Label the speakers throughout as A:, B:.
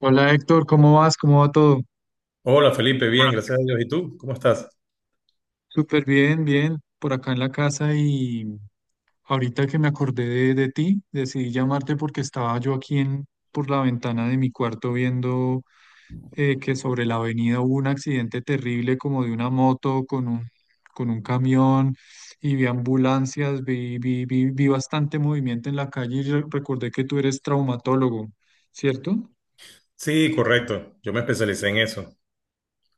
A: Hola Héctor, ¿cómo vas? ¿Cómo va todo?
B: Hola Felipe, bien, gracias a Dios. ¿Y tú? ¿Cómo estás?
A: Súper bien, bien, por acá en la casa y ahorita que me acordé de ti, decidí llamarte porque estaba yo aquí en, por la ventana de mi cuarto viendo que sobre la avenida hubo un accidente terrible como de una moto con un camión y vi ambulancias, vi bastante movimiento en la calle y recordé que tú eres traumatólogo, ¿cierto?
B: Sí, correcto. Yo me especialicé en eso.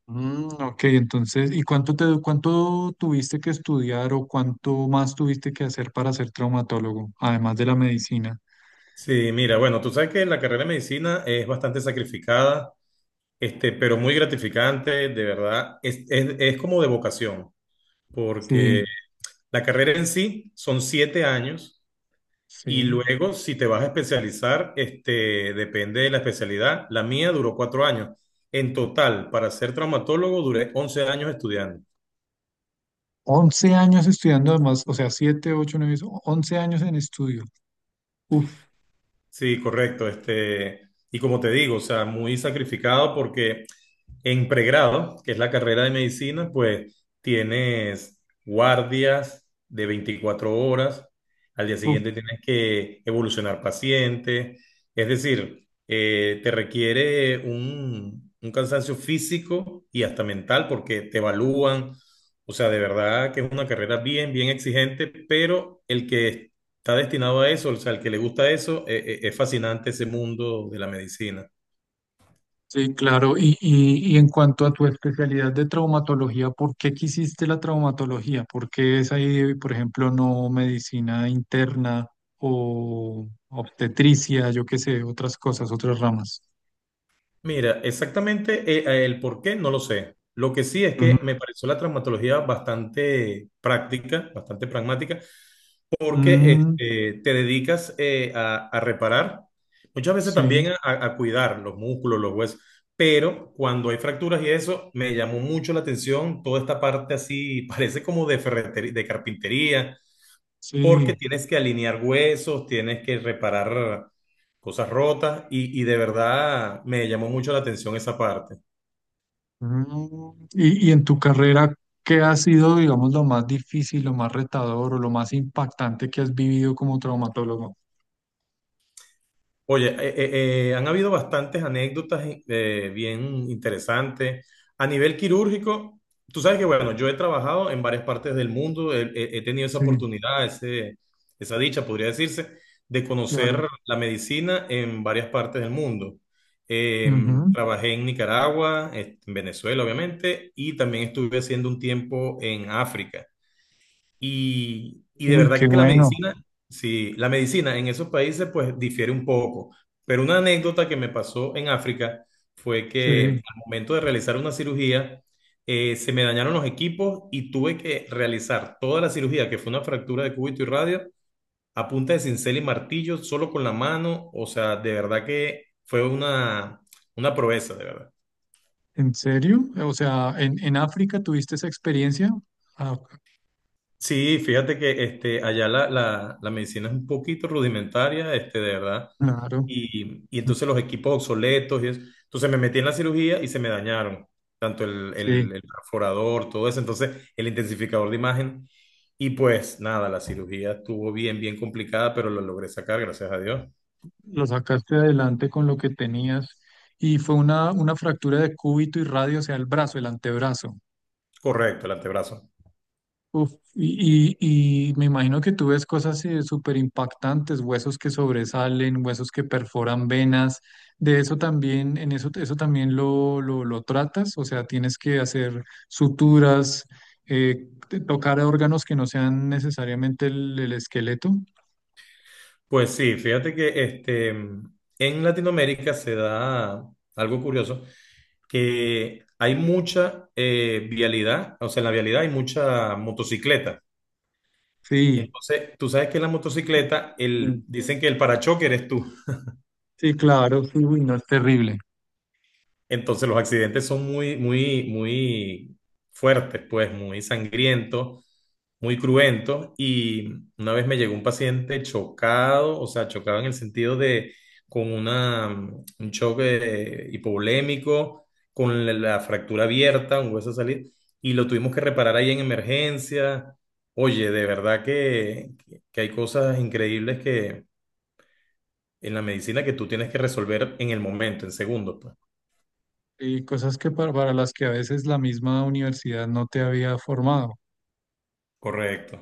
A: Mm, ok, entonces, ¿y cuánto tuviste que estudiar o cuánto más tuviste que hacer para ser traumatólogo, además de la medicina?
B: Sí, mira, bueno, tú sabes que la carrera de medicina es bastante sacrificada, pero muy gratificante, de verdad. Es como de vocación, porque
A: Sí,
B: la carrera en sí son 7 años, y
A: sí.
B: luego si te vas a especializar, depende de la especialidad. La mía duró 4 años. En total, para ser traumatólogo, duré 11 años estudiando.
A: Once años estudiando además, o sea, 7, 8, 9, 11 años en estudio. Uf,
B: Sí, correcto. Y como te digo, o sea, muy sacrificado porque en pregrado, que es la carrera de medicina, pues tienes guardias de 24 horas. Al día
A: uf.
B: siguiente tienes que evolucionar pacientes, es decir, te requiere un cansancio físico y hasta mental porque te evalúan. O sea, de verdad que es una carrera bien, bien exigente, pero el que está destinado a eso, o sea, el que le gusta eso, es fascinante ese mundo de la medicina.
A: Sí, claro. Y en cuanto a tu especialidad de traumatología, ¿por qué quisiste la traumatología? ¿Por qué es ahí, por ejemplo, no medicina interna o obstetricia, yo qué sé, otras cosas, otras ramas?
B: Mira, exactamente, el por qué no lo sé. Lo que sí es que me pareció la traumatología bastante práctica, bastante pragmática, porque
A: Mm,
B: te dedicas, a reparar, muchas veces
A: sí,
B: también a cuidar los músculos, los huesos, pero cuando hay fracturas y eso, me llamó mucho la atención toda esta parte así, parece como de ferretería, de carpintería, porque
A: sí.
B: tienes que alinear huesos, tienes que reparar cosas rotas y de verdad me llamó mucho la atención esa parte.
A: Mm, y en tu carrera, ¿qué ha sido, digamos, lo más difícil, lo más retador o lo más impactante que has vivido como traumatólogo?
B: Oye, han habido bastantes anécdotas, bien interesantes. A nivel quirúrgico, tú sabes que, bueno, yo he trabajado en varias partes del mundo. He tenido esa
A: Sí,
B: oportunidad, esa dicha, podría decirse, de
A: claro.
B: conocer la medicina en varias partes del mundo. Eh,
A: Ujú.
B: Trabajé en Nicaragua, en Venezuela, obviamente, y también estuve haciendo un tiempo en África. Y de
A: Uy, qué
B: verdad que la
A: bueno.
B: medicina, sí, la medicina en esos países pues difiere un poco. Pero una anécdota que me pasó en África fue que
A: Sí.
B: al momento de realizar una cirugía, se me dañaron los equipos y tuve que realizar toda la cirugía, que fue una fractura de cúbito y radio, a punta de cincel y martillo, solo con la mano. O sea, de verdad que fue una proeza, de verdad.
A: ¿En serio? O sea, en África tuviste esa experiencia? Ah,
B: Sí, fíjate que allá la medicina es un poquito rudimentaria, de verdad.
A: claro.
B: Y entonces los equipos obsoletos y eso. Entonces me metí en la cirugía y se me dañaron tanto el,
A: Sí,
B: el, el perforador, todo eso, entonces el intensificador de imagen. Y pues nada, la cirugía estuvo bien, bien complicada, pero lo logré sacar, gracias a Dios.
A: lo sacaste adelante con lo que tenías. Y fue una fractura de cúbito y radio, o sea, el brazo, el antebrazo.
B: Correcto, el antebrazo.
A: Uf, y, y me imagino que tú ves cosas súper impactantes, huesos que sobresalen, huesos que perforan venas. De eso también, en eso, eso también lo tratas, o sea, tienes que hacer suturas, tocar órganos que no sean necesariamente el esqueleto.
B: Pues sí, fíjate que en Latinoamérica se da algo curioso, que hay mucha, vialidad, o sea, en la vialidad hay mucha motocicleta.
A: Sí,
B: Entonces, tú sabes que en la motocicleta,
A: sí,
B: el, dicen que el parachoque eres tú.
A: sí, claro, sí, uy, no es terrible.
B: Entonces los accidentes son muy, muy, muy fuertes, pues muy sangrientos, muy cruentos. Y una vez me llegó un paciente chocado, o sea, chocado en el sentido de con una, un choque hipovolémico, con la fractura abierta, un hueso salir, y lo tuvimos que reparar ahí en emergencia. Oye, de verdad que, hay cosas increíbles que en la medicina que tú tienes que resolver en el momento, en segundos, pues.
A: Y cosas que para las que a veces la misma universidad no te había formado.
B: Correcto.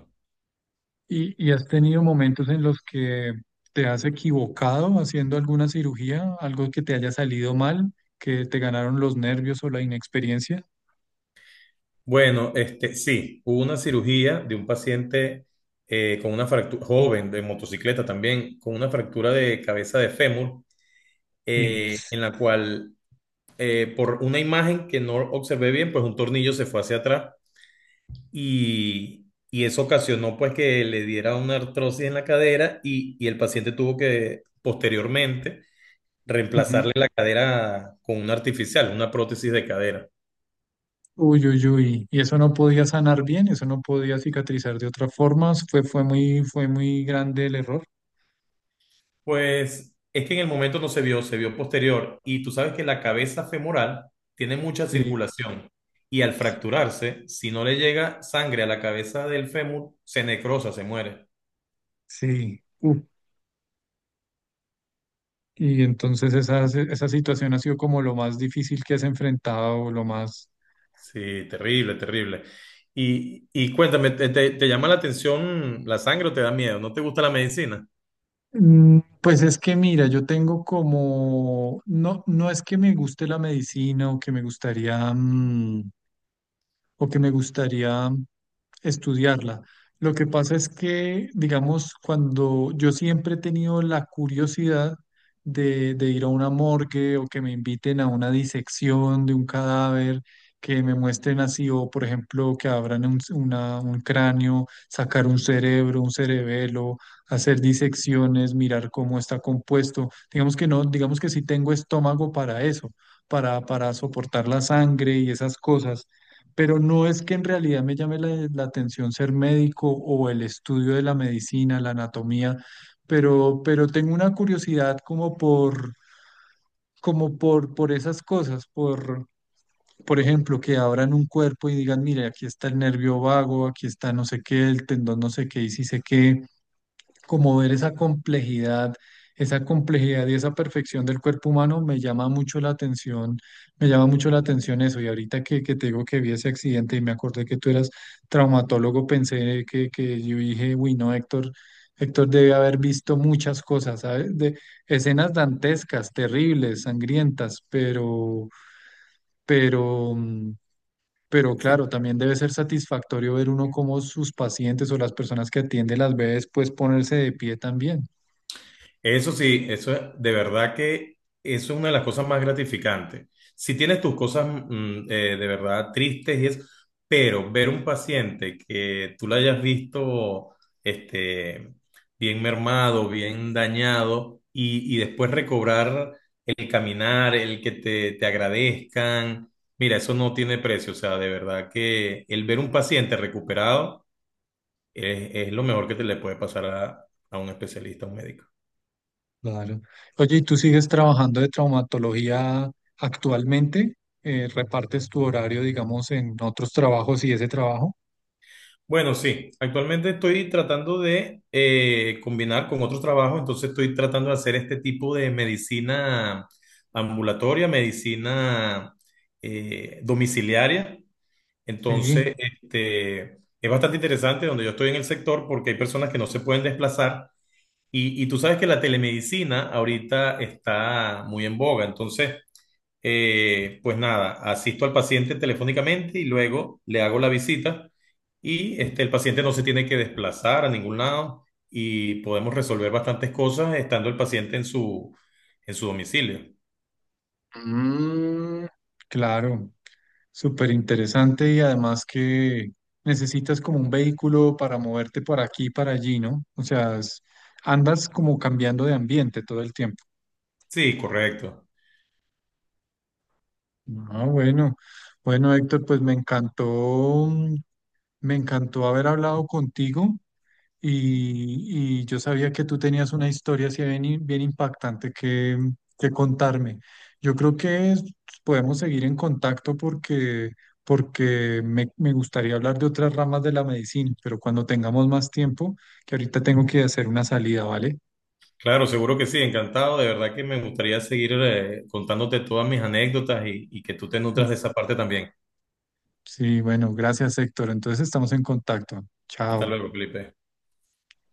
A: Y has tenido momentos en los que te has equivocado haciendo alguna cirugía, algo que te haya salido mal, que te ganaron los nervios o la inexperiencia.
B: Bueno, sí, hubo una cirugía de un paciente, con una fractura, joven de motocicleta también, con una fractura de cabeza de fémur,
A: Sí.
B: en la cual, por una imagen que no observé bien, pues un tornillo se fue hacia atrás y eso ocasionó pues que le diera una artrosis en la cadera, y el paciente tuvo que posteriormente
A: Ujú.
B: reemplazarle la cadera con una artificial, una prótesis de cadera.
A: Uy, uy, uy. Y eso no podía sanar bien, eso no podía cicatrizar de otra forma. Fue muy grande el error.
B: Pues es que en el momento no se vio, se vio posterior. Y tú sabes que la cabeza femoral tiene mucha
A: Sí,
B: circulación. Y al fracturarse, si no le llega sangre a la cabeza del fémur, se necrosa, se muere.
A: sí. Uf. Y entonces esa situación ha sido como lo más difícil que has enfrentado, lo más.
B: Sí, terrible, terrible. Y cuéntame, te llama la atención la sangre o te da miedo? ¿No te gusta la medicina?
A: Mm, pues es que mira, yo tengo como, no, no es que me guste la medicina o que me gustaría, o que me gustaría estudiarla. Lo que pasa es que, digamos, cuando yo siempre he tenido la curiosidad de ir a una morgue o que me inviten a una disección de un cadáver, que me muestren así, o por ejemplo, que abran un, un cráneo, sacar un cerebro, un cerebelo, hacer disecciones, mirar cómo está compuesto. Digamos que no, digamos que sí tengo estómago para eso, para soportar la sangre y esas cosas, pero no es que en realidad me llame la atención ser médico o el estudio de la medicina, la anatomía, pero tengo una curiosidad como por, como por esas cosas, por ejemplo, que abran un cuerpo y digan, mire, aquí está el nervio vago, aquí está no sé qué, el tendón no sé qué y sí sé qué, como ver esa complejidad y esa perfección del cuerpo humano me llama mucho la atención, me llama mucho la atención eso. Y ahorita que te digo que vi ese accidente y me acordé que tú eras traumatólogo, pensé que yo dije, uy, no, Héctor, Héctor debe haber visto muchas cosas, ¿sabes? De escenas dantescas, terribles, sangrientas, pero, mm, pero claro, también debe ser satisfactorio ver uno cómo sus pacientes o las personas que atiende las ve después ponerse de pie también.
B: Eso sí, de verdad que eso es una de las cosas más gratificantes. Si tienes tus cosas, de verdad tristes y es, pero ver un paciente que tú lo hayas visto, este, bien mermado, bien dañado y después recobrar el caminar, el que te agradezcan, mira, eso no tiene precio. O sea, de verdad que el ver un paciente recuperado es lo mejor que te le puede pasar a un especialista, a un médico.
A: Claro. Oye, ¿y tú sigues trabajando de traumatología actualmente? ¿Repartes tu horario, digamos, en otros trabajos y ese trabajo?
B: Bueno, sí, actualmente estoy tratando de, combinar con otro trabajo. Entonces estoy tratando de hacer este tipo de medicina ambulatoria, medicina, domiciliaria.
A: Sí,
B: Entonces, es bastante interesante donde yo estoy en el sector porque hay personas que no se pueden desplazar, y tú sabes que la telemedicina ahorita está muy en boga. Entonces, pues nada, asisto al paciente telefónicamente y luego le hago la visita, y el paciente no se tiene que desplazar a ningún lado, y podemos resolver bastantes cosas estando el paciente en su domicilio.
A: mm, claro. Súper interesante y además que necesitas como un vehículo para moverte por aquí y para allí, ¿no? Andas como cambiando de ambiente todo el tiempo.
B: Sí, correcto.
A: Ah, bueno. Bueno, Héctor, pues me encantó, me encantó haber hablado contigo. Y yo sabía que tú tenías una historia así bien impactante que contarme. Yo creo que podemos seguir en contacto porque, porque me gustaría hablar de otras ramas de la medicina, pero cuando tengamos más tiempo, que ahorita tengo que hacer una salida, ¿vale?
B: Claro, seguro que sí, encantado. De verdad que me gustaría seguir, contándote todas mis anécdotas, y que tú te nutras de
A: Uf,
B: esa parte también.
A: sí, bueno, gracias, Héctor. Entonces estamos en contacto.
B: Hasta
A: Chao.
B: luego, Felipe.